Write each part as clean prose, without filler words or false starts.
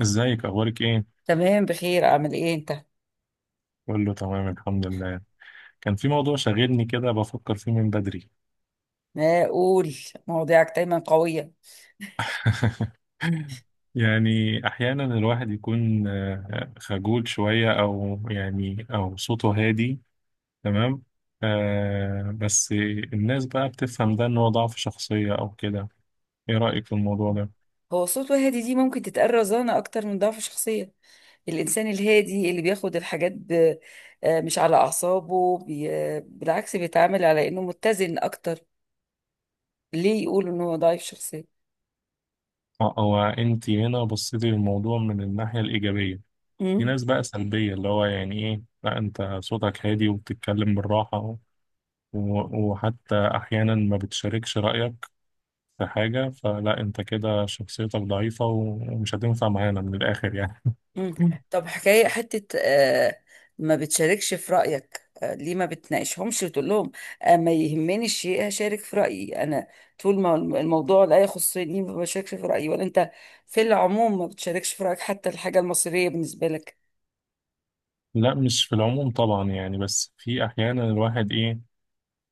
ازيك؟ اخبارك ايه؟ تمام، بخير. اعمل ايه انت؟ بقول له تمام، الحمد لله. كان في موضوع شاغلني كده بفكر فيه من بدري. ما اقول، مواضيعك دايما قوية. يعني احيانا الواحد يكون خجول شوية، او صوته هادي. تمام. بس الناس بقى بتفهم ده ان هو ضعف شخصية او كده. ايه رأيك في الموضوع ده؟ هو صوت وهادي دي ممكن تتقال رزانة اكتر من ضعف شخصية. الانسان الهادي اللي بياخد الحاجات ب... آه، مش على اعصابه، بي... آه، بالعكس بيتعامل على انه متزن اكتر. ليه يقول ان هو ضعيف شخصية؟ او انت هنا بصيتي للموضوع من الناحية الإيجابية. في ناس بقى سلبية، اللي هو يعني ايه، لا انت صوتك هادي وبتتكلم بالراحة، وحتى أحيانا ما بتشاركش رأيك في حاجة، فلا أنت كده شخصيتك ضعيفة ومش هتنفع معانا من الآخر يعني. مم. طب حكاية حتة ما بتشاركش في رأيك، ليه ما بتناقشهمش وتقول لهم ما يهمني الشيء هشارك في رأيي أنا؟ طول ما الموضوع لا يخصني ما بشاركش في رأيي، ولا أنت في العموم ما بتشاركش في رأيك حتى الحاجة المصيرية بالنسبة لك؟ لا، مش في العموم طبعا، يعني بس في أحيانا الواحد إيه،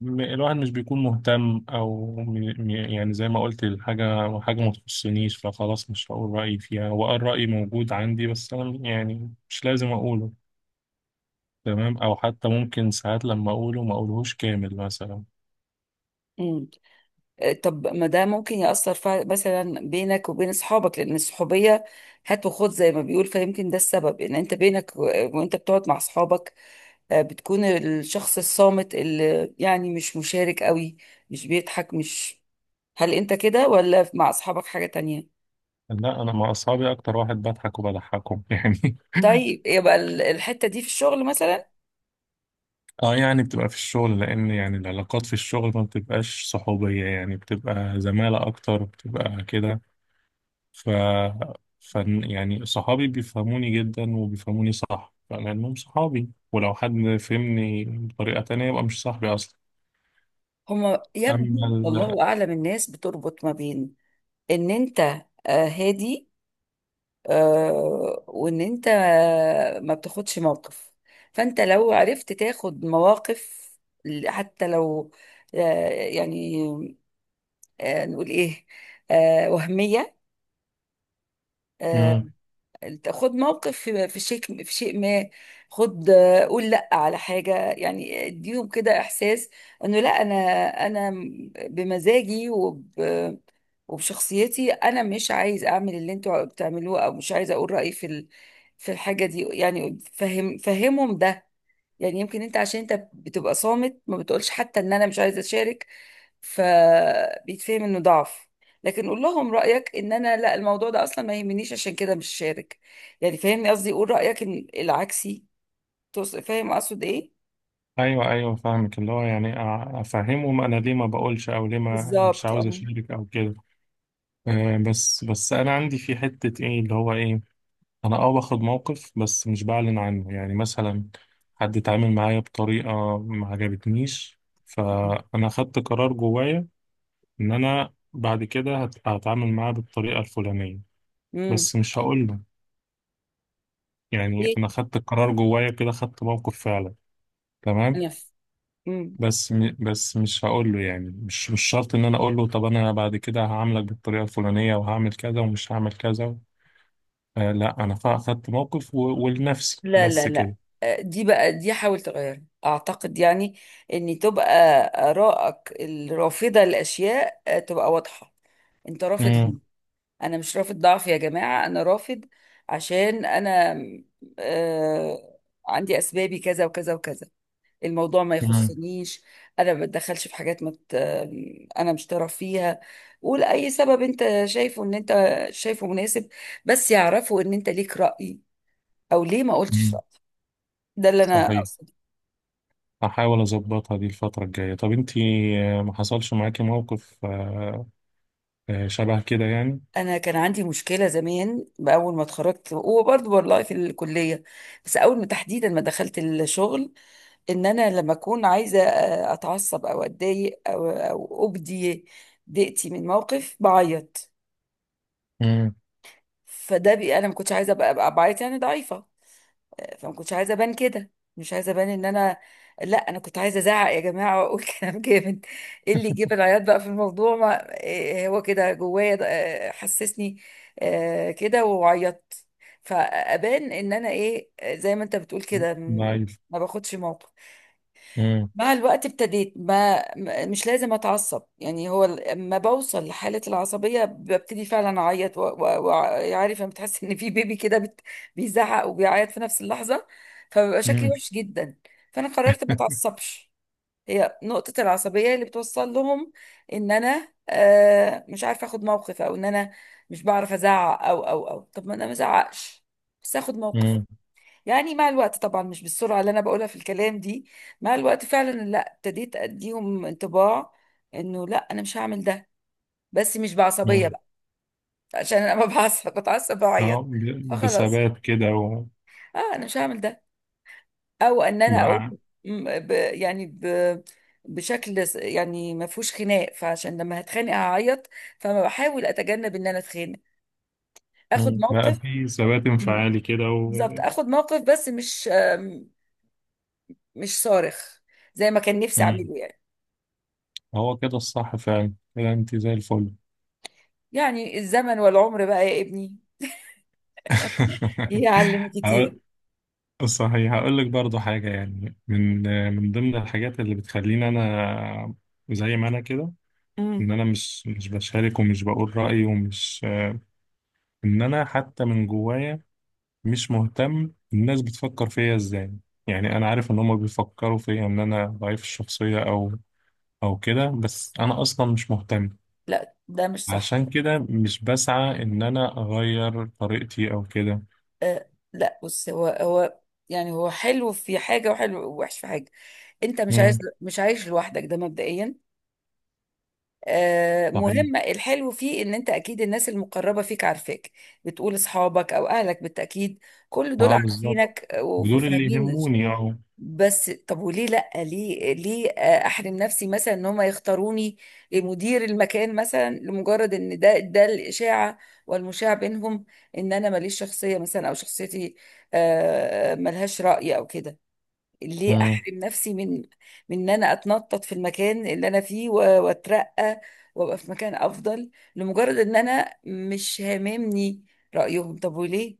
الواحد مش بيكون مهتم، أو يعني زي ما قلت، الحاجة حاجة ما تخصنيش، فخلاص مش هقول رأيي فيها، وأه الرأي موجود عندي بس أنا يعني مش لازم أقوله. تمام، أو حتى ممكن ساعات لما أقوله ما أقولهوش كامل مثلا. مم. طب ما ده ممكن يأثر مثلا بينك وبين أصحابك، لأن الصحوبية هات وخد زي ما بيقول. فيمكن ده السبب إن أنت بينك وأنت بتقعد مع أصحابك بتكون الشخص الصامت اللي يعني مش مشارك قوي، مش بيضحك، مش... هل انت كده ولا مع اصحابك حاجة تانية؟ لا، انا مع اصحابي اكتر واحد بضحك وبضحكهم يعني. طيب يبقى الحتة دي في الشغل مثلا. اه، يعني بتبقى في الشغل، لان يعني العلاقات في الشغل ما بتبقاش صحوبية، يعني بتبقى زمالة اكتر، بتبقى كده. ف ف يعني صحابي بيفهموني جدا وبيفهموني صح لانهم صحابي، ولو حد فهمني بطريقة تانية يبقى مش صاحبي اصلا. هما يبدو اما ال... والله اعلم، الناس بتربط ما بين ان انت هادي، وان انت ما بتاخدش موقف. فانت لو عرفت تاخد مواقف، حتى لو يعني نقول ايه، وهمية، آه، مم. خد موقف في شيء، في شيء ما. خد، قول لا على حاجة. يعني اديهم كده احساس انه لا، انا بمزاجي وبشخصيتي انا مش عايز اعمل اللي انتوا بتعملوه، او مش عايز اقول رأيي في في الحاجة دي. يعني فهمهم ده. يعني يمكن انت عشان انت بتبقى صامت ما بتقولش حتى ان انا مش عايزة اشارك، فبيتفهم انه ضعف. لكن قول لهم رأيك ان انا لا، الموضوع ده اصلا ما يهمنيش، عشان كده مش شارك. يعني فاهمني قصدي؟ قول رأيك ان العكسي. فاهم اقصد ايه؟ ايوه، ايوه، فاهمك، اللي هو يعني افهمهم انا ليه ما بقولش، او ليه ما مش بالظبط، عاوز اه. اشارك او كده. بس انا عندي في حتة ايه، اللي هو ايه، انا باخد موقف بس مش بعلن عنه، يعني مثلا حد اتعامل معايا بطريقة ما عجبتنيش، فانا خدت قرار جوايا ان انا بعد كده هتعامل معاه بالطريقة الفلانية، امم. بس مش هقول له. يعني ايه. انا خدت القرار جوايا كده، خدت موقف فعلا. تمام. نف امم. بس مش هقول له، يعني مش شرط ان انا اقول له طب انا بعد كده هعاملك بالطريقة الفلانية وهعمل كذا ومش هعمل كذا. لا، انا خدت موقف ولنفسي لا لا بس لا، كده. دي بقى، دي حاول تغيرها اعتقد. يعني ان تبقى ارائك الرافضه للاشياء تبقى واضحه. انت رافض؟ انا مش رافض ضعف يا جماعة، انا رافض عشان انا آه عندي اسبابي كذا وكذا وكذا. الموضوع ما امم. يخصنيش، انا ما بتدخلش في حاجات ما ت- انا مش طرف فيها. قول اي سبب انت شايفه ان انت شايفه مناسب، بس يعرفوا ان انت ليك رأي، او ليه ما قلتش رأي. ده اللي انا صحيح. اقصده. هحاول اظبطها دي الفترة الجاية. طب انتي، ما حصلش معاكي موقف شبه كده يعني؟ انا كان عندي مشكله زمان، باول ما اتخرجت، وبرضه والله في الكليه، بس اول ما تحديدا ما دخلت الشغل. ان انا لما اكون عايزه اتعصب او اتضايق او ابدي ضيقتي من موقف بعيط. امم. فده انا ما كنتش عايزه أبقى بعيط، يعني ضعيفه. فما كنتش عايزه ابان كده. مش عايزه ابان ان انا... لا، انا كنت عايزه ازعق يا جماعه، واقول كلام جامد. ايه اللي يجيب العياط بقى في الموضوع؟ ما إيه هو كده، جوايا ده حسسني كده وعيطت. فابان ان انا ايه، زي ما انت بتقول كده، ضعيف. ما باخدش موقف. امم. مع الوقت ابتديت مش لازم اتعصب. يعني هو لما بوصل لحالة العصبية ببتدي فعلا اعيط، وعارف لما بتحس ان في بيبي كده بيزعق وبيعيط في نفس اللحظة، فبيبقى شكلي امم. وحش جدا. فانا قررت ما اتعصبش. هي نقطة العصبية اللي بتوصل لهم ان انا مش عارفة اخد موقف، او ان انا مش بعرف ازعق. او او او طب ما انا ما ازعقش بس اخد موقف. امم. يعني مع الوقت طبعا مش بالسرعة اللي أنا بقولها في الكلام دي، مع الوقت فعلا لا ابتديت أديهم انطباع إنه لا، أنا مش هعمل ده. بس مش بعصبية امم. بقى، عشان أنا ما بعصب بتعصب اه، بعيط. فخلاص، بثبات كده. أه أنا مش هعمل ده. أو إن أنا أقول وبقى. م- ب يعني ب بشكل يعني ما فيهوش خناق، فعشان لما هتخانق هعيط، فما بحاول أتجنب إن أنا أتخانق. آخد امم. بقى موقف. في ثبات انفعالي كده بالظبط، و-. آخد موقف، بس مش صارخ زي ما كان نفسي امم. أعمله يعني. هو كده الصح فعلا، كده انت زي الفل. يعني الزمن والعمر بقى يا ابني يعلم هقول. كتير. صحيح، هقول لك برضو حاجة يعني من ضمن الحاجات اللي بتخليني انا زي ما انا كده، ان امم. انا مش بشارك ومش بقول رأيي ومش، ان انا حتى من جوايا مش مهتم الناس بتفكر فيا ازاي. يعني انا عارف ان هم بيفكروا فيا ان انا ضعيف الشخصية او او كده، بس انا اصلا مش مهتم. لا، ده مش صح. عشان كده مش بسعى ان انا اغير طريقتي او كده. أه لا، بص، هو هو يعني هو حلو في حاجة، وحلو ووحش في حاجة. انت مش امم. عايز، مش عايش لوحدك ده مبدئيا. أه، صحيح. مهم الحلو فيه ان انت اكيد الناس المقربة فيك عارفاك. بتقول اصحابك او اهلك بالتأكيد، كل دول اه، بالظبط. عارفينك دول اللي وفاهمين. يهموني، اه. بس طب وليه لا؟ ليه احرم نفسي مثلا ان هم يختاروني مدير المكان، مثلا لمجرد ان ده الاشاعه والمشاع بينهم ان انا ماليش شخصيه، مثلا او شخصيتي ملهاش راي او كده. ليه امم. احرم نفسي من ان انا اتنطط في المكان اللي انا فيه واترقى، وابقى في مكان افضل، لمجرد ان انا مش هاممني رايهم. طب وليه؟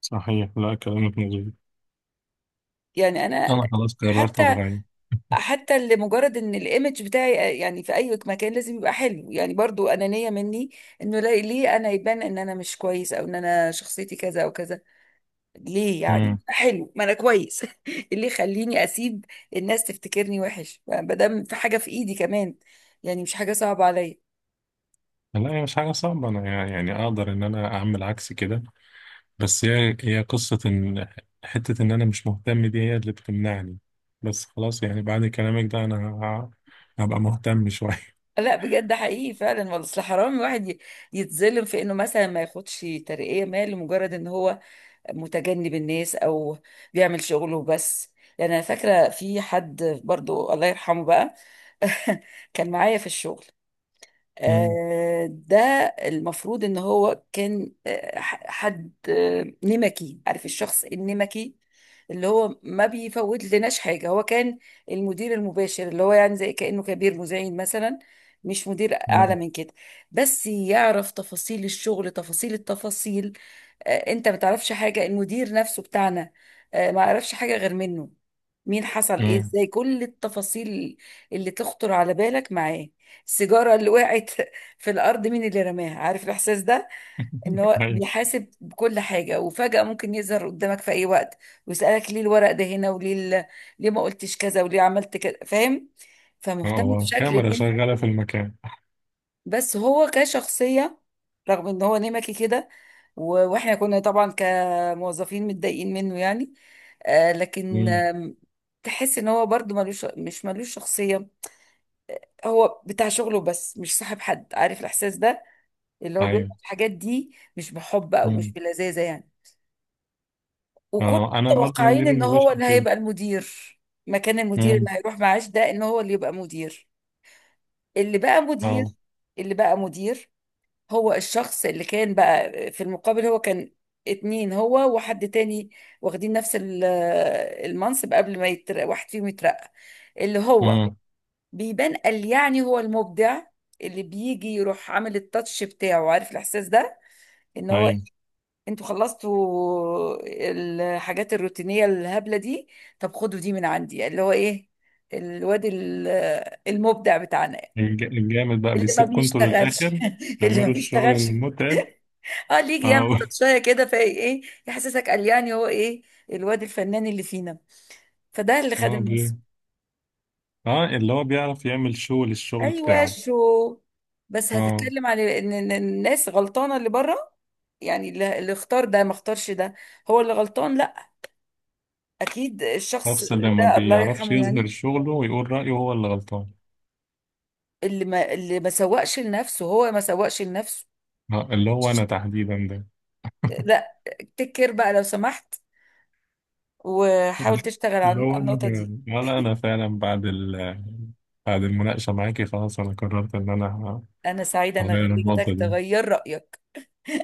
صحيح، لا كلامك مظبوط. يعني انا انا خلاص قررت حتى، اتغير. لمجرد ان الايمج بتاعي يعني في اي مكان لازم يبقى حلو، يعني برضو انانية مني، انه ليه انا يبان ان انا مش كويس، او ان انا شخصيتي كذا او كذا. ليه؟ يعني امم. حلو ما انا كويس اللي يخليني اسيب الناس تفتكرني وحش ما دام في حاجة في ايدي كمان؟ يعني مش حاجة صعبة عليا. لا، هي مش حاجة صعبة، أنا يعني أقدر إن أنا أعمل عكس كده، بس هي قصة إن حتة إن أنا مش مهتم دي هي اللي بتمنعني. بس خلاص، يعني بعد كلامك ده أنا هبقى مهتم شوية. لا بجد، حقيقي فعلا والله. اصل حرام الواحد يتظلم في انه مثلا ما ياخدش ترقية ما، لمجرد ان هو متجنب الناس او بيعمل شغله بس. يعني انا فاكره في حد برضو، الله يرحمه بقى كان معايا في الشغل مم. ده. المفروض ان هو كان حد نمكي. عارف الشخص النمكي اللي هو ما بيفوت لناش حاجه؟ هو كان المدير المباشر اللي هو يعني زي كانه كبير مزعين مثلا، مش مدير اعلى مم. من كده، بس يعرف تفاصيل الشغل، تفاصيل التفاصيل. انت ما تعرفش حاجه، المدير نفسه بتاعنا ما يعرفش حاجه غير منه. مين حصل ايه مم. ازاي، كل التفاصيل اللي تخطر على بالك معاه. السيجاره اللي وقعت في الارض مين اللي رماها. عارف الاحساس ده؟ ان هو أيوة. بيحاسب بكل حاجه، وفجاه ممكن يظهر قدامك في اي وقت ويسالك ليه الورق ده هنا، وليه ال- ليه ما قلتش كذا، وليه عملت كذا. فاهم؟ أه فمهتم آه. بشكل كاميرا ان... شغالة في المكان. بس هو كشخصية، رغم ان هو نمكي كده، واحنا كنا طبعا كموظفين متضايقين منه يعني، آه، لكن مم. تحس ان هو برضو ملوش، مش ملوش شخصية. هو بتاع شغله بس، مش صاحب حد. عارف الاحساس ده، اللي هو بيعمل أيوه. الحاجات دي مش بحب او مش مم. بلذاذة يعني. وكنا أه، أنا برضه متوقعين مدير ان هو المباشر اللي كده. هيبقى المدير مكان المدير مم. اللي هيروح معاش ده، ان هو اللي يبقى مدير. اللي بقى مدير أه. اللي بقى مدير هو الشخص اللي كان بقى في المقابل. هو كان اتنين، هو وحد تاني، واخدين نفس المنصب قبل ما يترقى واحد فيهم. يترقى اللي هو مم. بيبان قال يعني هو المبدع، اللي بيجي يروح عامل التاتش بتاعه. عارف الاحساس ده ان هو... أيوه. انتوا خلصتوا الحاجات الروتينيه الهبله دي، طب خدوا دي من عندي اللي هو ايه الواد ال- المبدع بتاعنا الجامد بقى اللي ما بيسيبكم انتوا بيشتغلش للآخر اللي ما تعملوا الشغل بيشتغلش، المتعب. اه ليك يعمل أه. تاتشايه كده، فايه ايه، يحسسك قال يعني هو ايه الواد الفنان اللي فينا. فده اللي خد أه، الناس. اللي هو بيعرف يعمل شو للشغل ايوه بتاعه. شو. بس اه، هتتكلم عن ان إن الناس غلطانه اللي بره، يعني اللي اختار ده ما اختارش ده، هو اللي غلطان. لا، اكيد الشخص نفس اللي ما ده الله بيعرفش يرحمه يظهر يعني، شغله ويقول رأيه هو اللي غلطان. اللي ما سوقش لنفسه، هو ما سوقش لنفسه. اللي هو ش- أنا تحديدا ده. لا، تكر بقى لو سمحت، وحاول اللي تشتغل اللي على هو أنا، النقطه دي. ولا أنا فعلا بعد المناقشة معاكي خلاص أنا قررت إن أنا انا سعيده ان هغير النقطة خليتك دي. تغير رايك.